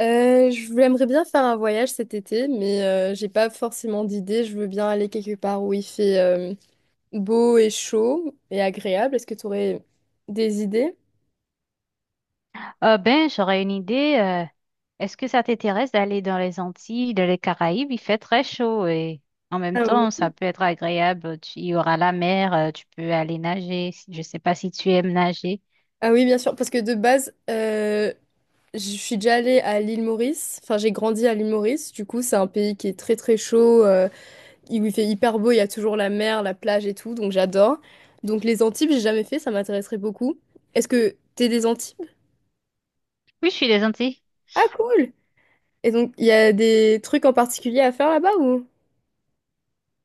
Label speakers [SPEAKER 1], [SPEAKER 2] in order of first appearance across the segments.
[SPEAKER 1] Je j'aimerais bien faire un voyage cet été, mais j'ai pas forcément d'idée. Je veux bien aller quelque part où il fait beau et chaud et agréable. Est-ce que tu aurais des idées?
[SPEAKER 2] Ah ben, j'aurais une idée. Est-ce que ça t'intéresse d'aller dans les Antilles, dans les Caraïbes? Il fait très chaud et en même
[SPEAKER 1] Ah
[SPEAKER 2] temps, ça
[SPEAKER 1] oui,
[SPEAKER 2] peut être agréable. Il y aura la mer, tu peux aller nager. Je sais pas si tu aimes nager.
[SPEAKER 1] ah oui, bien sûr, parce que de base, je suis déjà allée à l'île Maurice. Enfin, j'ai grandi à l'île Maurice. Du coup, c'est un pays qui est très très chaud, où il fait hyper beau. Il y a toujours la mer, la plage et tout, donc j'adore. Donc les Antilles, j'ai jamais fait, ça m'intéresserait beaucoup. Est-ce que t'es des Antilles?
[SPEAKER 2] Oui, je suis des Antilles.
[SPEAKER 1] Ah, cool! Et donc, il y a des trucs en particulier à faire là-bas ou?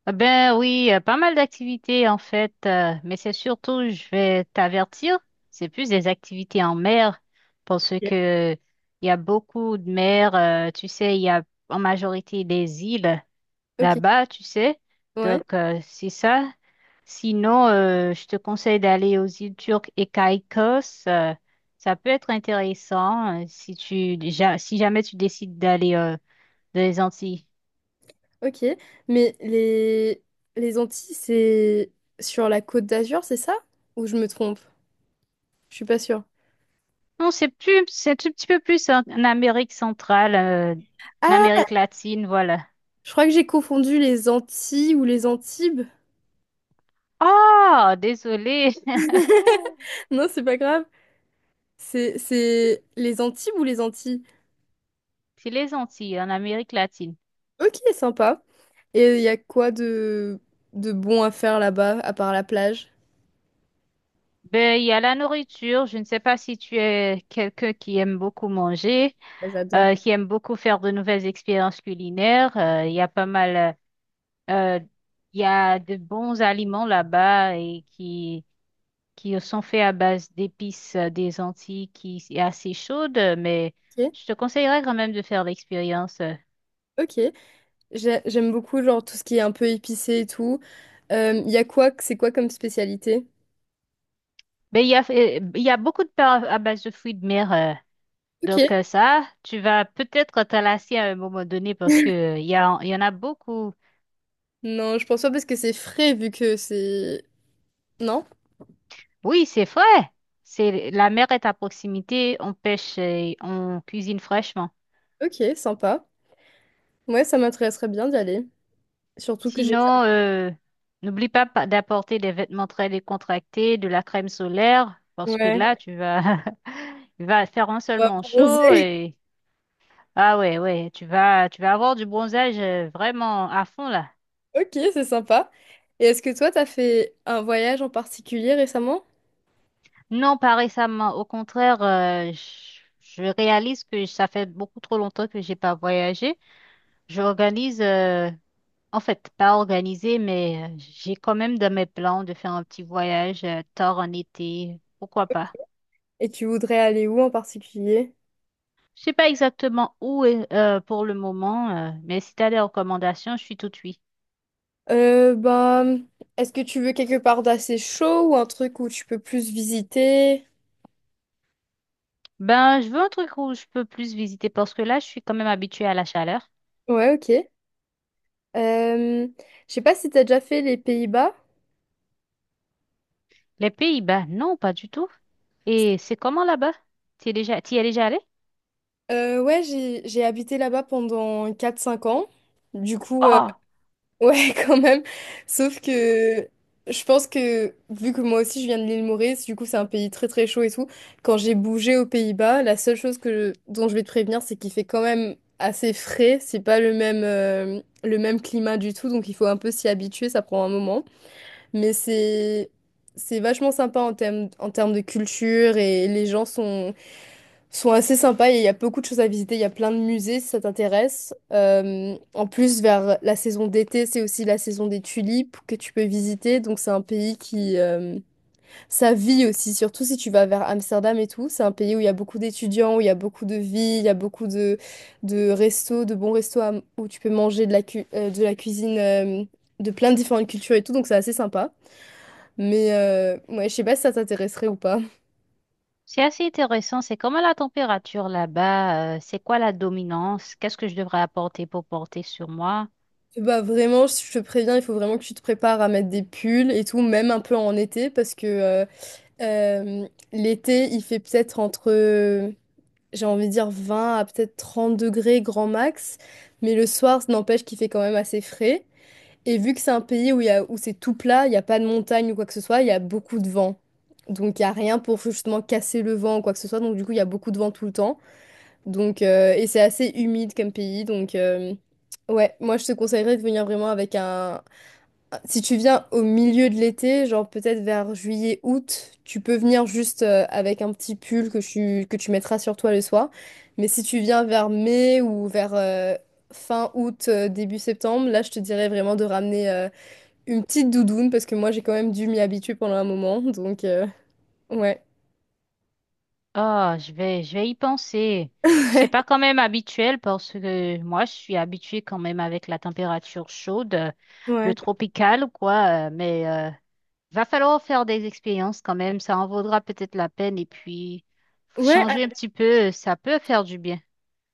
[SPEAKER 2] Ah ben oui, pas mal d'activités en fait, mais c'est surtout, je vais t'avertir, c'est plus des activités en mer parce
[SPEAKER 1] Ok,
[SPEAKER 2] que il y a beaucoup de mer. Tu sais, il y a en majorité des îles
[SPEAKER 1] ok.
[SPEAKER 2] là-bas, tu sais.
[SPEAKER 1] Ouais,
[SPEAKER 2] Donc, c'est ça. Sinon, je te conseille d'aller aux îles Turques et Caïcos. Ça peut être intéressant si tu déjà, si jamais tu décides d'aller dans les Antilles.
[SPEAKER 1] ok. Mais les Antilles, c'est sur la Côte d'Azur, c'est ça? Ou je me trompe? Je suis pas sûre.
[SPEAKER 2] Non, c'est plus, c'est un tout petit peu plus en, en Amérique centrale, en
[SPEAKER 1] Ah,
[SPEAKER 2] Amérique latine, voilà.
[SPEAKER 1] je crois que j'ai confondu les Antilles ou les Antibes.
[SPEAKER 2] Oh, désolé,
[SPEAKER 1] Non, c'est pas grave. C'est les Antibes ou les Antilles?
[SPEAKER 2] c'est les Antilles, en Amérique latine.
[SPEAKER 1] Ok, sympa. Et il y a quoi de bon à faire là-bas, à part la plage?
[SPEAKER 2] Ben, il y a la nourriture. Je ne sais pas si tu es quelqu'un qui aime beaucoup manger,
[SPEAKER 1] Ah, j'adore.
[SPEAKER 2] qui aiment beaucoup faire de nouvelles expériences culinaires. Il y a pas mal, euh, euh, il y a de bons aliments là-bas et qui sont faits à base d'épices des Antilles qui est assez chaude, mais
[SPEAKER 1] Ok,
[SPEAKER 2] je te conseillerais quand même de faire l'expérience.
[SPEAKER 1] ok. J'aime beaucoup genre tout ce qui est un peu épicé et tout. Il y a quoi, c'est quoi comme spécialité?
[SPEAKER 2] Mais il y a beaucoup de plats à base de fruits de mer.
[SPEAKER 1] Ok.
[SPEAKER 2] Donc ça, tu vas peut-être te lasser à un moment donné parce que il y a, il y en a beaucoup.
[SPEAKER 1] Non, je pense pas parce que c'est frais vu que c'est... Non?
[SPEAKER 2] Oui, c'est vrai. C'est, la mer est à proximité, on pêche et on cuisine fraîchement.
[SPEAKER 1] Ok, sympa. Ouais, ça m'intéresserait bien d'y aller. Surtout que j'ai...
[SPEAKER 2] Sinon, n'oublie pas d'apporter des vêtements très décontractés, de la crème solaire, parce que
[SPEAKER 1] Ouais,
[SPEAKER 2] là, tu vas, tu vas faire un
[SPEAKER 1] on va
[SPEAKER 2] seulement chaud
[SPEAKER 1] bronzer.
[SPEAKER 2] et ah ouais, ouais, tu vas avoir du bronzage vraiment à fond là.
[SPEAKER 1] Ok, c'est sympa. Et est-ce que toi, t'as fait un voyage en particulier récemment?
[SPEAKER 2] Non, pas récemment. Au contraire, je réalise que ça fait beaucoup trop longtemps que j'ai pas voyagé. J'organise. En fait, pas organisé, mais j'ai quand même dans mes plans de faire un petit voyage tard en été. Pourquoi pas?
[SPEAKER 1] Et tu voudrais aller où en particulier?
[SPEAKER 2] Je sais pas exactement où est, pour le moment, mais si tu as des recommandations, je suis tout oui.
[SPEAKER 1] Bah, est-ce que tu veux quelque part d'assez chaud ou un truc où tu peux plus visiter?
[SPEAKER 2] Ben, je veux un truc où je peux plus visiter parce que là, je suis quand même habituée à la chaleur.
[SPEAKER 1] Ouais, ok. Euh, je sais pas si t'as déjà fait les Pays-Bas.
[SPEAKER 2] Les Pays-Bas, non, pas du tout. Et c'est comment là-bas? Tu es déjà, t'y es déjà allé?
[SPEAKER 1] Ouais, j'ai habité là-bas pendant 4 5 ans. Du coup,
[SPEAKER 2] Oh,
[SPEAKER 1] ouais, quand même. Sauf que je pense que, vu que moi aussi je viens de l'île Maurice, du coup, c'est un pays très très chaud et tout. Quand j'ai bougé aux Pays-Bas, la seule chose que dont je vais te prévenir, c'est qu'il fait quand même assez frais. C'est pas le même climat du tout, donc il faut un peu s'y habituer, ça prend un moment. Mais c'est vachement sympa en termes de culture et les gens sont assez sympas et il y a beaucoup de choses à visiter. Il y a plein de musées si ça t'intéresse. En plus, vers la saison d'été, c'est aussi la saison des tulipes que tu peux visiter. Donc c'est un pays qui ça vit aussi, surtout si tu vas vers Amsterdam et tout. C'est un pays où il y a beaucoup d'étudiants, où il y a beaucoup de vie, il y a beaucoup de restos, de bons restos où tu peux manger de la cuisine de plein de différentes cultures et tout. Donc c'est assez sympa. Mais ouais, je sais pas si ça t'intéresserait ou pas.
[SPEAKER 2] c'est assez intéressant. C'est comment la température là-bas? C'est quoi la dominance? Qu'est-ce que je devrais apporter pour porter sur moi?
[SPEAKER 1] Bah vraiment, je te préviens, il faut vraiment que tu te prépares à mettre des pulls et tout, même un peu en été, parce que euh, l'été, il fait peut-être entre, j'ai envie de dire 20 à peut-être 30 degrés grand max, mais le soir, ça n'empêche qu'il fait quand même assez frais. Et vu que c'est un pays où, où c'est tout plat, il n'y a pas de montagne ou quoi que ce soit, il y a beaucoup de vent. Donc il n'y a rien pour justement casser le vent ou quoi que ce soit, donc du coup, il y a beaucoup de vent tout le temps. Donc, et c'est assez humide comme pays. Donc, ouais, moi je te conseillerais de venir vraiment avec un. Si tu viens au milieu de l'été, genre peut-être vers juillet, août, tu peux venir juste avec un petit pull que tu mettras sur toi le soir. Mais si tu viens vers mai ou vers fin août, début septembre, là je te dirais vraiment de ramener une petite doudoune parce que moi j'ai quand même dû m'y habituer pendant un moment. Donc, ouais.
[SPEAKER 2] Oh, je vais y penser. C'est pas quand même habituel parce que moi, je suis habituée quand même avec la température chaude, le
[SPEAKER 1] Ouais.
[SPEAKER 2] tropical, quoi. Mais va falloir faire des expériences quand même. Ça en vaudra peut-être la peine. Et puis,
[SPEAKER 1] Ouais,
[SPEAKER 2] changer un petit peu, ça peut faire du bien.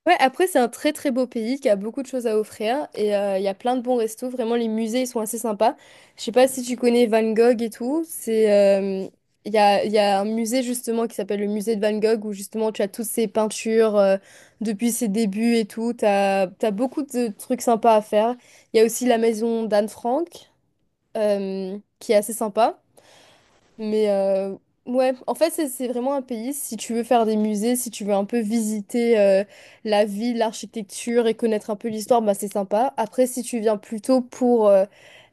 [SPEAKER 1] ouais, après, c'est un très très beau pays qui a beaucoup de choses à offrir et il y a plein de bons restos. Vraiment, les musées ils sont assez sympas. Je sais pas si tu connais Van Gogh et tout. Il y a un musée justement qui s'appelle le musée de Van Gogh où justement tu as toutes ses peintures depuis ses débuts et tout. T'as beaucoup de trucs sympas à faire. Il y a aussi la maison d'Anne Frank qui est assez sympa. Mais ouais, en fait, c'est vraiment un pays, si tu veux faire des musées, si tu veux un peu visiter la ville, l'architecture et connaître un peu l'histoire, bah c'est sympa. Après, si tu viens plutôt pour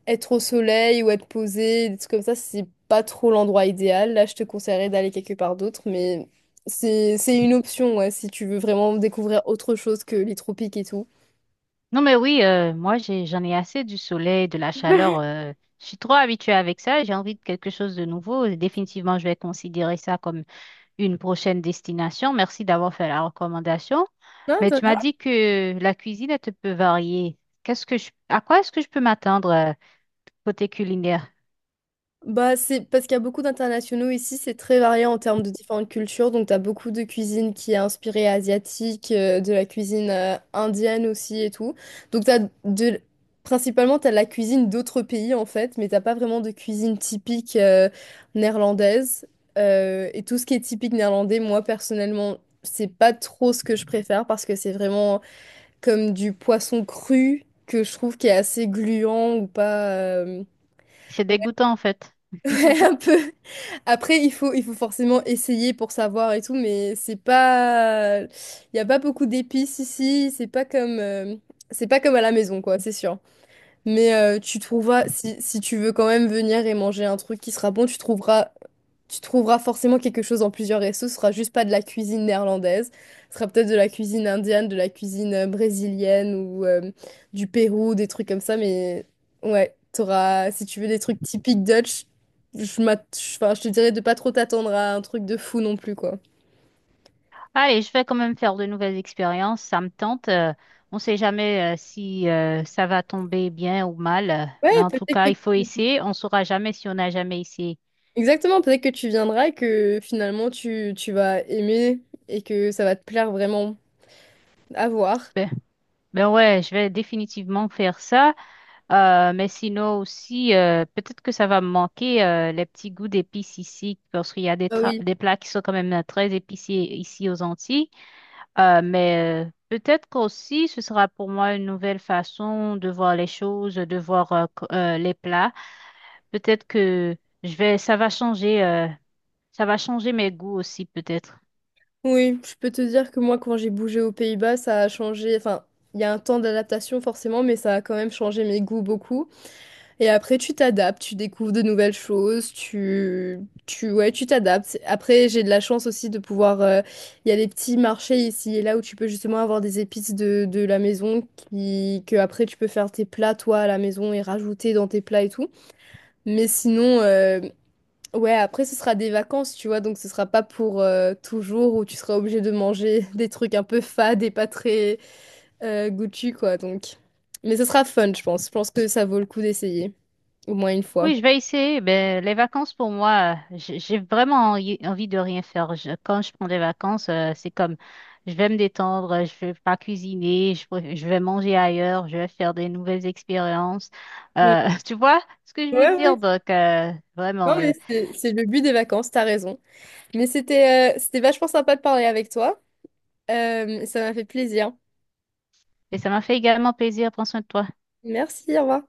[SPEAKER 1] être au soleil ou être posé, des trucs comme ça, c'est pas trop l'endroit idéal. Là, je te conseillerais d'aller quelque part d'autre, mais c'est une option, ouais, si tu veux vraiment découvrir autre chose que les tropiques et tout.
[SPEAKER 2] Non, mais oui, moi, j'ai, j'en ai assez du soleil, de la chaleur. Je suis trop habituée avec ça. J'ai envie de quelque chose de nouveau. Définitivement, je vais considérer ça comme une prochaine destination. Merci d'avoir fait la recommandation.
[SPEAKER 1] Non,
[SPEAKER 2] Mais tu m'as dit que la cuisine, elle te peut varier. Qu'est-ce que je, à quoi est-ce que je peux m'attendre côté culinaire?
[SPEAKER 1] bah, c'est parce qu'il y a beaucoup d'internationaux ici, c'est très varié en termes de différentes cultures. Donc, tu as beaucoup de cuisine qui est inspirée asiatique, de la cuisine indienne aussi et tout. Donc, de... principalement, tu as la cuisine d'autres pays en fait, mais t'as pas vraiment de cuisine typique néerlandaise. Et tout ce qui est typique néerlandais, moi personnellement, c'est pas trop ce que je préfère parce que c'est vraiment comme du poisson cru que je trouve qui est assez gluant ou pas.
[SPEAKER 2] C'est dégoûtant en fait.
[SPEAKER 1] Ouais, un peu. Après, il faut forcément essayer pour savoir et tout, mais c'est pas... Il n'y a pas beaucoup d'épices ici, c'est pas comme... C'est pas comme à la maison, quoi, c'est sûr. Mais tu trouveras, si tu veux quand même venir et manger un truc qui sera bon, tu trouveras forcément quelque chose en plusieurs restos. Ce sera juste pas de la cuisine néerlandaise. Ce sera peut-être de la cuisine indienne, de la cuisine brésilienne ou du Pérou, des trucs comme ça. Mais ouais, t'auras, si tu veux des trucs typiques Dutch, enfin, je te dirais de pas trop t'attendre à un truc de fou non plus, quoi.
[SPEAKER 2] Allez, je vais quand même faire de nouvelles expériences. Ça me tente. On ne sait jamais si ça va tomber bien ou mal.
[SPEAKER 1] Ouais,
[SPEAKER 2] Mais en tout
[SPEAKER 1] peut-être que...
[SPEAKER 2] cas, il faut essayer. On ne saura jamais si on n'a jamais essayé.
[SPEAKER 1] Exactement, peut-être que tu viendras et que finalement tu vas aimer et que ça va te plaire vraiment. À voir.
[SPEAKER 2] Ben ouais, je vais définitivement faire ça. Mais sinon aussi, peut-être que ça va me manquer les petits goûts d'épices ici, parce qu'il y a des,
[SPEAKER 1] Ah oui.
[SPEAKER 2] des plats qui sont quand même très épicés ici aux Antilles. Mais peut-être qu'aussi, ce sera pour moi une nouvelle façon de voir les choses, de voir les plats. Peut-être que je vais, ça va changer mes goûts aussi, peut-être.
[SPEAKER 1] Oui, je peux te dire que moi, quand j'ai bougé aux Pays-Bas, ça a changé. Enfin, il y a un temps d'adaptation forcément, mais ça a quand même changé mes goûts beaucoup. Et après, tu t'adaptes, tu découvres de nouvelles choses, ouais, tu t'adaptes. Après, j'ai de la chance aussi de pouvoir. Il y a des petits marchés ici et là où tu peux justement avoir des épices de la maison que après tu peux faire tes plats toi à la maison et rajouter dans tes plats et tout. Mais sinon. Ouais, après, ce sera des vacances, tu vois, donc ce sera pas pour toujours où tu seras obligé de manger des trucs un peu fades et pas très goûtus, quoi, donc. Mais ce sera fun, je pense. Je pense que ça vaut le coup d'essayer, au moins une fois.
[SPEAKER 2] Oui, je vais essayer. Ben, les vacances pour moi, j'ai vraiment envie de rien faire. Quand je prends des vacances, c'est comme je vais me détendre, je vais pas cuisiner, je vais manger ailleurs, je vais faire des nouvelles expériences.
[SPEAKER 1] Ouais,
[SPEAKER 2] Tu vois ce que je veux
[SPEAKER 1] ouais.
[SPEAKER 2] dire?
[SPEAKER 1] Ouais.
[SPEAKER 2] Donc, vraiment,
[SPEAKER 1] Non, mais c'est le but des vacances, t'as raison. Mais c'était vachement sympa de parler avec toi. Ça m'a fait plaisir.
[SPEAKER 2] et ça m'a fait également plaisir. Prends soin de toi.
[SPEAKER 1] Merci, au revoir.